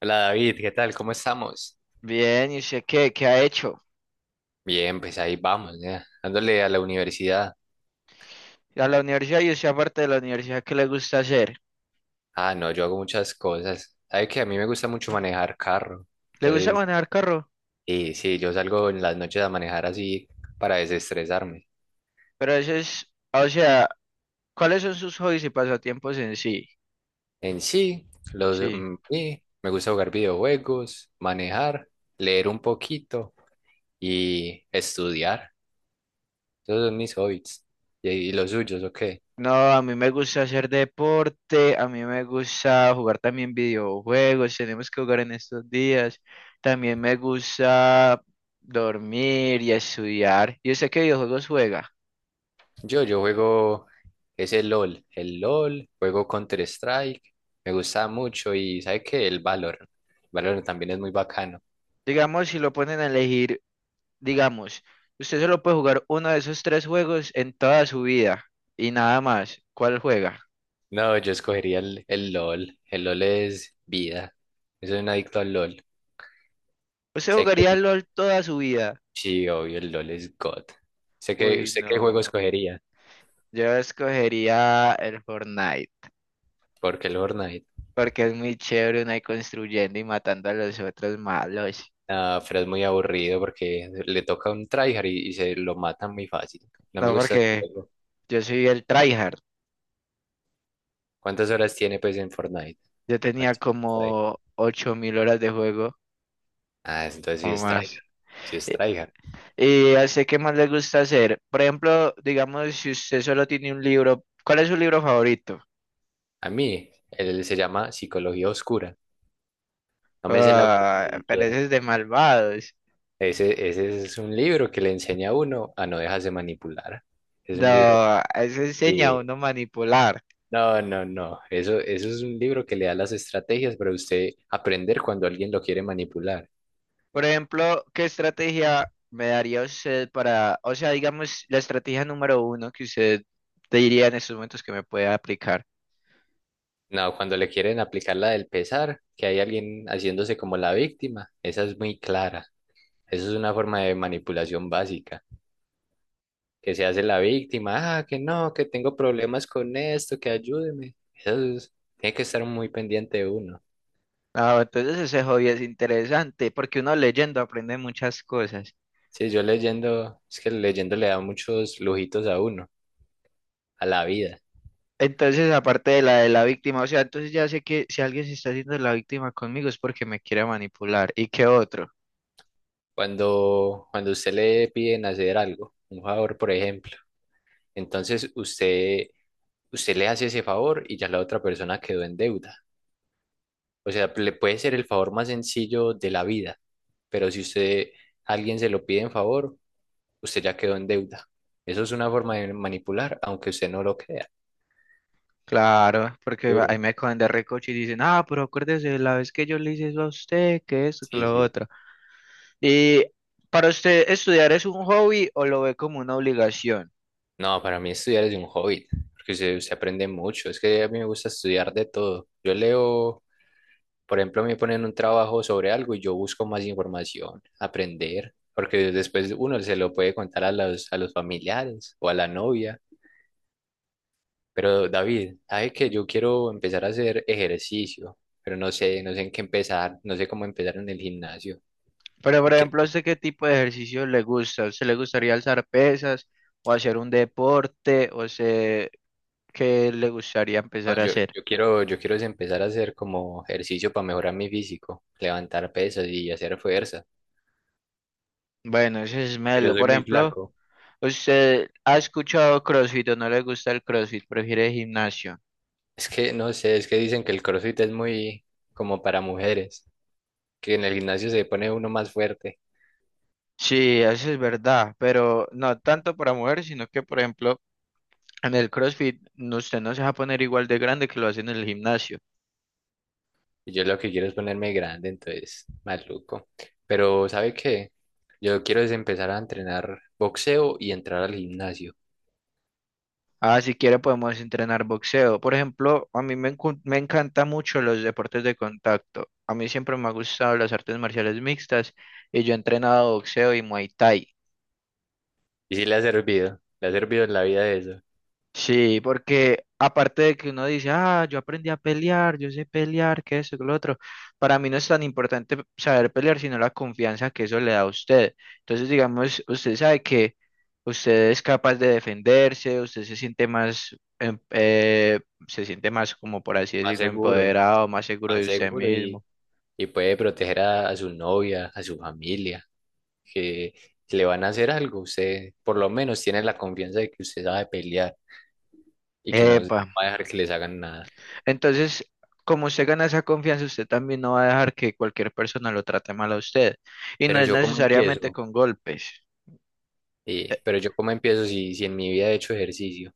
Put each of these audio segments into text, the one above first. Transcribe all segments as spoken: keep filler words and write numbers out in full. Hola David, ¿qué tal? ¿Cómo estamos? Bien, ¿y usted qué? ¿Qué ha hecho? Bien, pues ahí vamos, ya, dándole a la universidad. A la universidad y usted aparte de la universidad, ¿qué le gusta hacer? Ah, no, yo hago muchas cosas. ¿Sabes que A mí me gusta mucho manejar carro. Le gusta Entonces, manejar carro, sí, sí, yo salgo en las noches a manejar así para desestresarme. pero eso es, o sea, ¿cuáles son sus hobbies y pasatiempos en sí? En sí, los, Sí. mm, sí, me gusta jugar videojuegos, manejar, leer un poquito y estudiar. Esos son mis hobbies. ¿Y, y los suyos? O No, a mí me gusta hacer deporte, a mí me gusta jugar también videojuegos, tenemos que jugar en estos días. También me gusta dormir y estudiar. ¿Y usted qué videojuegos juega? Yo, yo juego ese LOL, el LOL, juego Counter-Strike, me gusta mucho y ¿sabe qué? El Valorant. Valorant también es muy bacano. Digamos, si lo ponen a elegir. Digamos, usted solo puede jugar uno de esos tres juegos en toda su vida y nada más. ¿Cuál juega? No, yo escogería el, el LOL, el LOL es vida. Yo soy un adicto al LOL. ¿Usted Sé que jugaría LOL toda su vida? sí, obvio, el LOL es God. Sé que Uy, usted qué juego no. escogería, Yo escogería el Fortnite porque el Fortnite, porque es muy chévere uno ahí construyendo y matando a los otros malos. ah, pero es muy aburrido porque le toca un tryhard y, y se lo matan muy fácil. No me No, gusta el porque juego. yo soy el tryhard. ¿Cuántas horas tiene pues en Fortnite? Yo A ver tenía si es tryhard. como ocho mil horas de juego Ah, entonces sí o es tryhard, más. si es tryhard. Y así qué más le gusta hacer. Por ejemplo, digamos, si usted solo tiene un libro, ¿cuál es su libro favorito? A mí, él se llama Psicología Oscura. No me sé el autor ni Ah, pero eso siquiera. es de malvados. Ese, ese es un libro que le enseña a uno a no dejarse manipular. Es un libro No, eso enseña a que... uno manipular. No, no, no. Eso, eso es un libro que le da las estrategias para usted aprender cuando alguien lo quiere manipular. Por ejemplo, ¿qué estrategia me daría usted para, o sea, digamos, la estrategia número uno que usted te diría en estos momentos que me puede aplicar? No, cuando le quieren aplicar la del pesar, que hay alguien haciéndose como la víctima, esa es muy clara. Eso es una forma de manipulación básica. Que se hace la víctima, ah, que no, que tengo problemas con esto, que ayúdeme. Eso es- tiene que estar muy pendiente de uno. Ah, entonces ese hobby es interesante porque uno leyendo aprende muchas cosas. Sí, yo leyendo, es que leyendo le da muchos lujitos a uno, a la vida. Entonces, aparte de la de la víctima, o sea, entonces ya sé que si alguien se está haciendo la víctima conmigo es porque me quiere manipular. ¿Y qué otro? Cuando, cuando usted le piden hacer algo, un favor, por ejemplo, entonces usted, usted le hace ese favor y ya la otra persona quedó en deuda. O sea, le puede ser el favor más sencillo de la vida, pero si usted, a alguien se lo pide en favor, usted ya quedó en deuda. Eso es una forma de manipular, aunque usted no lo crea. Claro, porque Duro. ahí me cogen de recoche y dicen, ah, pero acuérdese la vez que yo le hice eso a usted, que esto, que Sí, lo sí. otro. Y para usted, ¿estudiar es un hobby o lo ve como una obligación? No, para mí estudiar es un hobby, porque se, se aprende mucho. Es que a mí me gusta estudiar de todo. Yo leo, por ejemplo, me ponen un trabajo sobre algo y yo busco más información, aprender, porque después uno se lo puede contar a los, a los familiares o a la novia. Pero David, ¿sabe que yo quiero empezar a hacer ejercicio? Pero no sé, no sé en qué empezar, no sé cómo empezar en el gimnasio. Pero, por ejemplo, ¿a usted qué tipo de ejercicio le gusta? ¿A usted le gustaría alzar pesas o hacer un deporte? ¿O sé qué le gustaría No, empezar a yo, hacer? yo quiero, yo quiero es empezar a hacer como ejercicio para mejorar mi físico, levantar pesas y hacer fuerza. Bueno, ese es Yo melo. soy Por muy ejemplo, flaco. ¿usted ha escuchado CrossFit o no le gusta el CrossFit? ¿Prefiere gimnasio? Es que no sé, es que dicen que el CrossFit es muy como para mujeres, que en el gimnasio se pone uno más fuerte. Sí, eso es verdad, pero no tanto para mujeres, sino que, por ejemplo, en el CrossFit no- usted no se va a poner igual de grande que lo hace en el gimnasio. Y yo lo que quiero es ponerme grande, entonces, maluco. Pero, ¿sabe qué? Yo quiero es empezar a entrenar boxeo y entrar al gimnasio. Ah, si quiere podemos entrenar boxeo. Por ejemplo, a mí me, encu- me encanta mucho los deportes de contacto. A mí siempre me ha gustado las artes marciales mixtas y yo he entrenado boxeo y Muay Thai. Y sí le ha servido, le ha servido en la vida eso. Sí, porque aparte de que uno dice, ah, yo aprendí a pelear, yo sé pelear, que eso, que lo otro, para mí no es tan importante saber pelear, sino la confianza que eso le da a usted. Entonces, digamos, usted sabe que usted es capaz de defenderse, usted se siente más, em- eh, se siente más, como por así Más decirlo, seguro, empoderado, más seguro más de usted seguro y mismo. y puede proteger a, a su novia, a su familia, que si le van a hacer algo, usted por lo menos tiene la confianza de que usted sabe pelear y que no va Epa. a dejar que les hagan nada. Entonces, como usted gana esa confianza, usted también no va a dejar que cualquier persona lo trate mal a usted. Y no Pero es yo cómo necesariamente empiezo. con golpes. Sí, pero yo cómo empiezo si, si en mi vida he hecho ejercicio.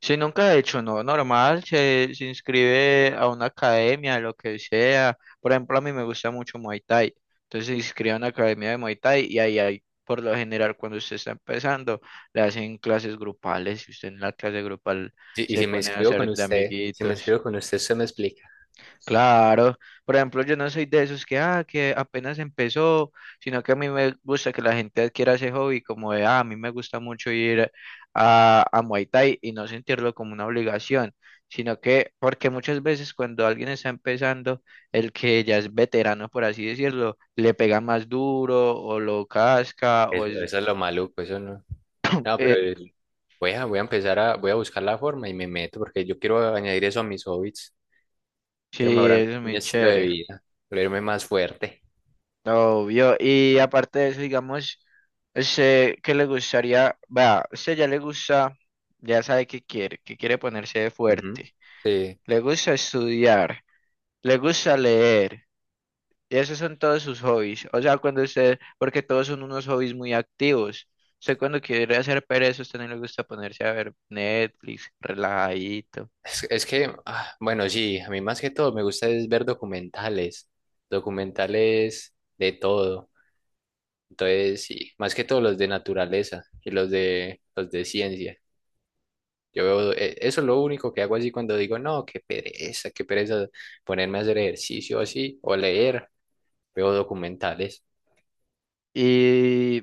Si nunca ha hecho, no, normal, se, se inscribe a una academia, lo que sea. Por ejemplo, a mí me gusta mucho Muay Thai. Entonces se inscribe a una academia de Muay Thai y ahí hay, por lo general, cuando usted está empezando, le hacen clases grupales y usted en la clase grupal Sí, y se si me pone a inscribo con hacer de usted, si me amiguitos. inscribo con usted, usted me explica. Claro, por ejemplo, yo no soy de esos que, ah, que apenas empezó, sino que a mí me gusta que la gente adquiera ese hobby, como de, ah, a mí me gusta mucho ir a, a Muay Thai y no sentirlo como una obligación, sino que, porque muchas veces cuando alguien está empezando, el que ya es veterano, por así decirlo, le pega más duro o lo casca, o Eso, es, eso es lo maluco, eso no. No, pero eh, el- Voy a, voy a empezar a, voy a buscar la forma y me meto porque yo quiero añadir eso a mis hobbies. Quiero sí, mejorar eso es mi muy estilo de chévere. vida, volverme más fuerte. Obvio, y aparte de eso, digamos, sé que le gustaría, vea, usted ya le gusta, ya sabe que quiere, que quiere ponerse de Ujú. fuerte, Sí, le gusta estudiar, le gusta leer, y esos son todos sus hobbies, o sea, cuando usted, porque todos son unos hobbies muy activos, usted cuando quiere hacer pereza, a usted no le gusta ponerse a ver Netflix, relajadito. es, es que, ah, bueno, sí, a mí más que todo me gusta es ver documentales, documentales de todo. Entonces, sí, más que todo los de naturaleza y los de, los de ciencia. Yo veo, eh, eso es lo único que hago así cuando digo, no, qué pereza, qué pereza ponerme a hacer ejercicio así o leer, veo documentales. Y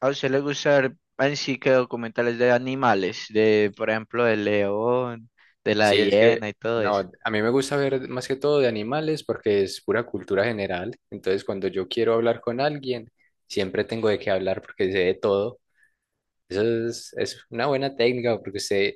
a usted le gusta ver en sí que documentales de animales, de por ejemplo del león, de la Sí, es que, hiena y todo no, eso. a mí me gusta ver más que todo de animales porque es pura cultura general. Entonces, cuando yo quiero hablar con alguien, siempre tengo de qué hablar porque sé de todo. Eso es, es una buena técnica porque usted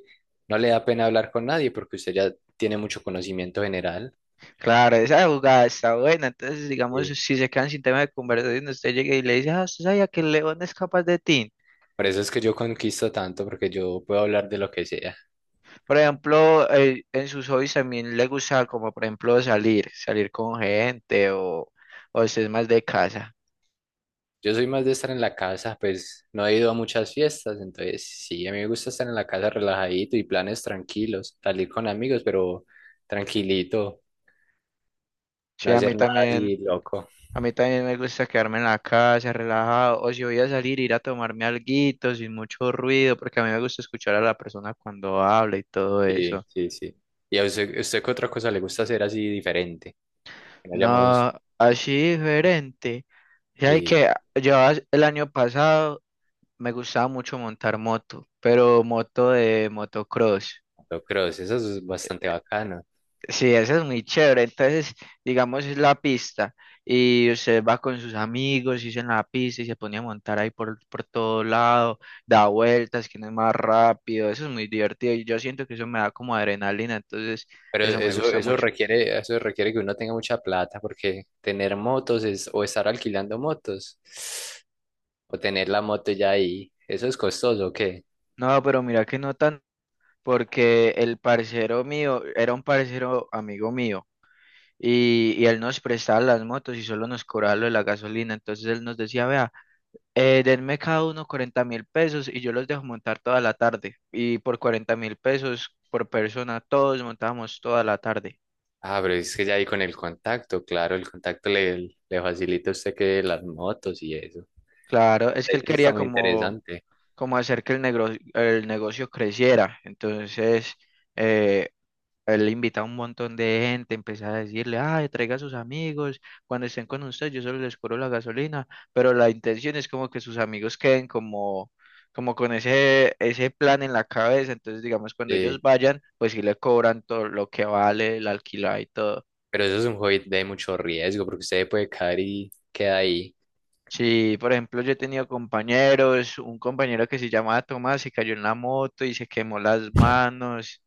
no le da pena hablar con nadie porque usted ya tiene mucho conocimiento general. Claro, esa jugada está buena. Entonces, digamos, Sí. si se quedan sin tema de conversación, usted llega y le dice, ah, usted sabía que el león es capaz de ti. Por eso es que yo conquisto tanto porque yo puedo hablar de lo que sea. Por ejemplo, eh, en sus hobbies también le gusta como por ejemplo salir, salir con gente o, o usted es más de casa. Yo soy más de estar en la casa, pues no he ido a muchas fiestas, entonces sí, a mí me gusta estar en la casa relajadito y planes tranquilos, salir con amigos, pero tranquilito, Sí, no a hacer mí nada también. así loco. A mí también me gusta quedarme en la casa, relajado, o si voy a salir, ir a tomarme alguito sin mucho ruido, porque a mí me gusta escuchar a la persona cuando habla y todo eso. Sí, sí, sí. ¿Y a usted, usted qué otra cosa le gusta hacer así diferente? Que no hayamos, No, así diferente. Ya sí, que yo as- el año pasado me gustaba mucho montar moto, pero moto de motocross. motocross, eso es bastante bacano. Sí, esa es muy chévere. Entonces, digamos, es la pista y usted va con sus amigos y en la pista y se pone a montar ahí por, por todo lado, da vueltas, quién es más rápido. Eso es muy divertido y yo siento que eso me da como adrenalina. Entonces, Pero eso me eso, gusta eso mucho. requiere, eso requiere que uno tenga mucha plata, porque tener motos es, o estar alquilando motos, o tener la moto ya ahí, eso es costoso, ¿o qué? No, pero mira qué nota, porque el parcero mío era un parcero amigo mío y, y él nos prestaba las motos y solo nos cobraba lo de la gasolina. Entonces, él nos decía, vea. Eh, denme cada uno cuarenta mil pesos y yo los dejo montar toda la tarde. Y por cuarenta mil pesos por persona, todos montamos toda la tarde. Ah, pero es que ya ahí con el contacto, claro, el contacto le, le facilita a usted que las motos y eso. Claro, es que Eh, él Eso está quería muy como, interesante. como hacer que el negocio, el negocio creciera. Entonces, eh, él invita a un montón de gente, empecé a decirle, ay, traiga a sus amigos, cuando estén con usted, yo solo les cobro la gasolina, pero la intención es como que sus amigos queden como, como con ese, ese plan en la cabeza, entonces digamos, cuando ellos Sí, vayan, pues sí le cobran todo lo que vale, el alquiler y todo. pero eso es un hobby de mucho riesgo, porque usted puede caer y queda ahí. Sí, por ejemplo, yo he tenido compañeros, un compañero que se llamaba Tomás y cayó en la moto y se quemó las manos.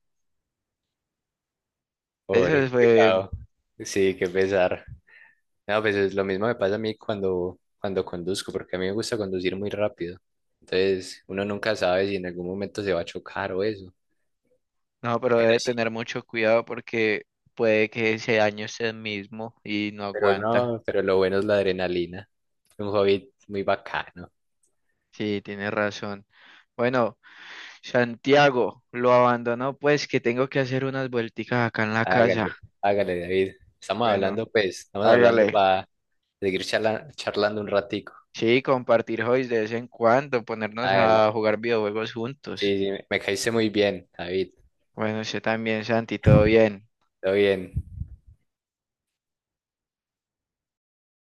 Eso Pobre, qué fue. pecado. Sí, qué pesar. No, pues es lo mismo me pasa a mí cuando, cuando conduzco, porque a mí me gusta conducir muy rápido. Entonces, uno nunca sabe si en algún momento se va a chocar o eso. No, pero Pero debe sí, tener mucho cuidado porque puede que ese daño sea el mismo y no pero aguanta. no, pero lo bueno es la adrenalina. Un hobby muy bacano. Sí, tiene razón. Bueno, Santiago lo abandonó, pues que tengo que hacer unas vuelticas acá en la casa. Hágale, hágale, David. Estamos Bueno, hablando, pues, estamos hablando hágale. para seguir charla- charlando un ratico. Sí, compartir hobbies de vez en cuando, ponernos Hágale. a jugar videojuegos Sí, juntos. sí, me me caíste muy bien, David. Bueno, usted también, Santi, todo bien. Todo bien.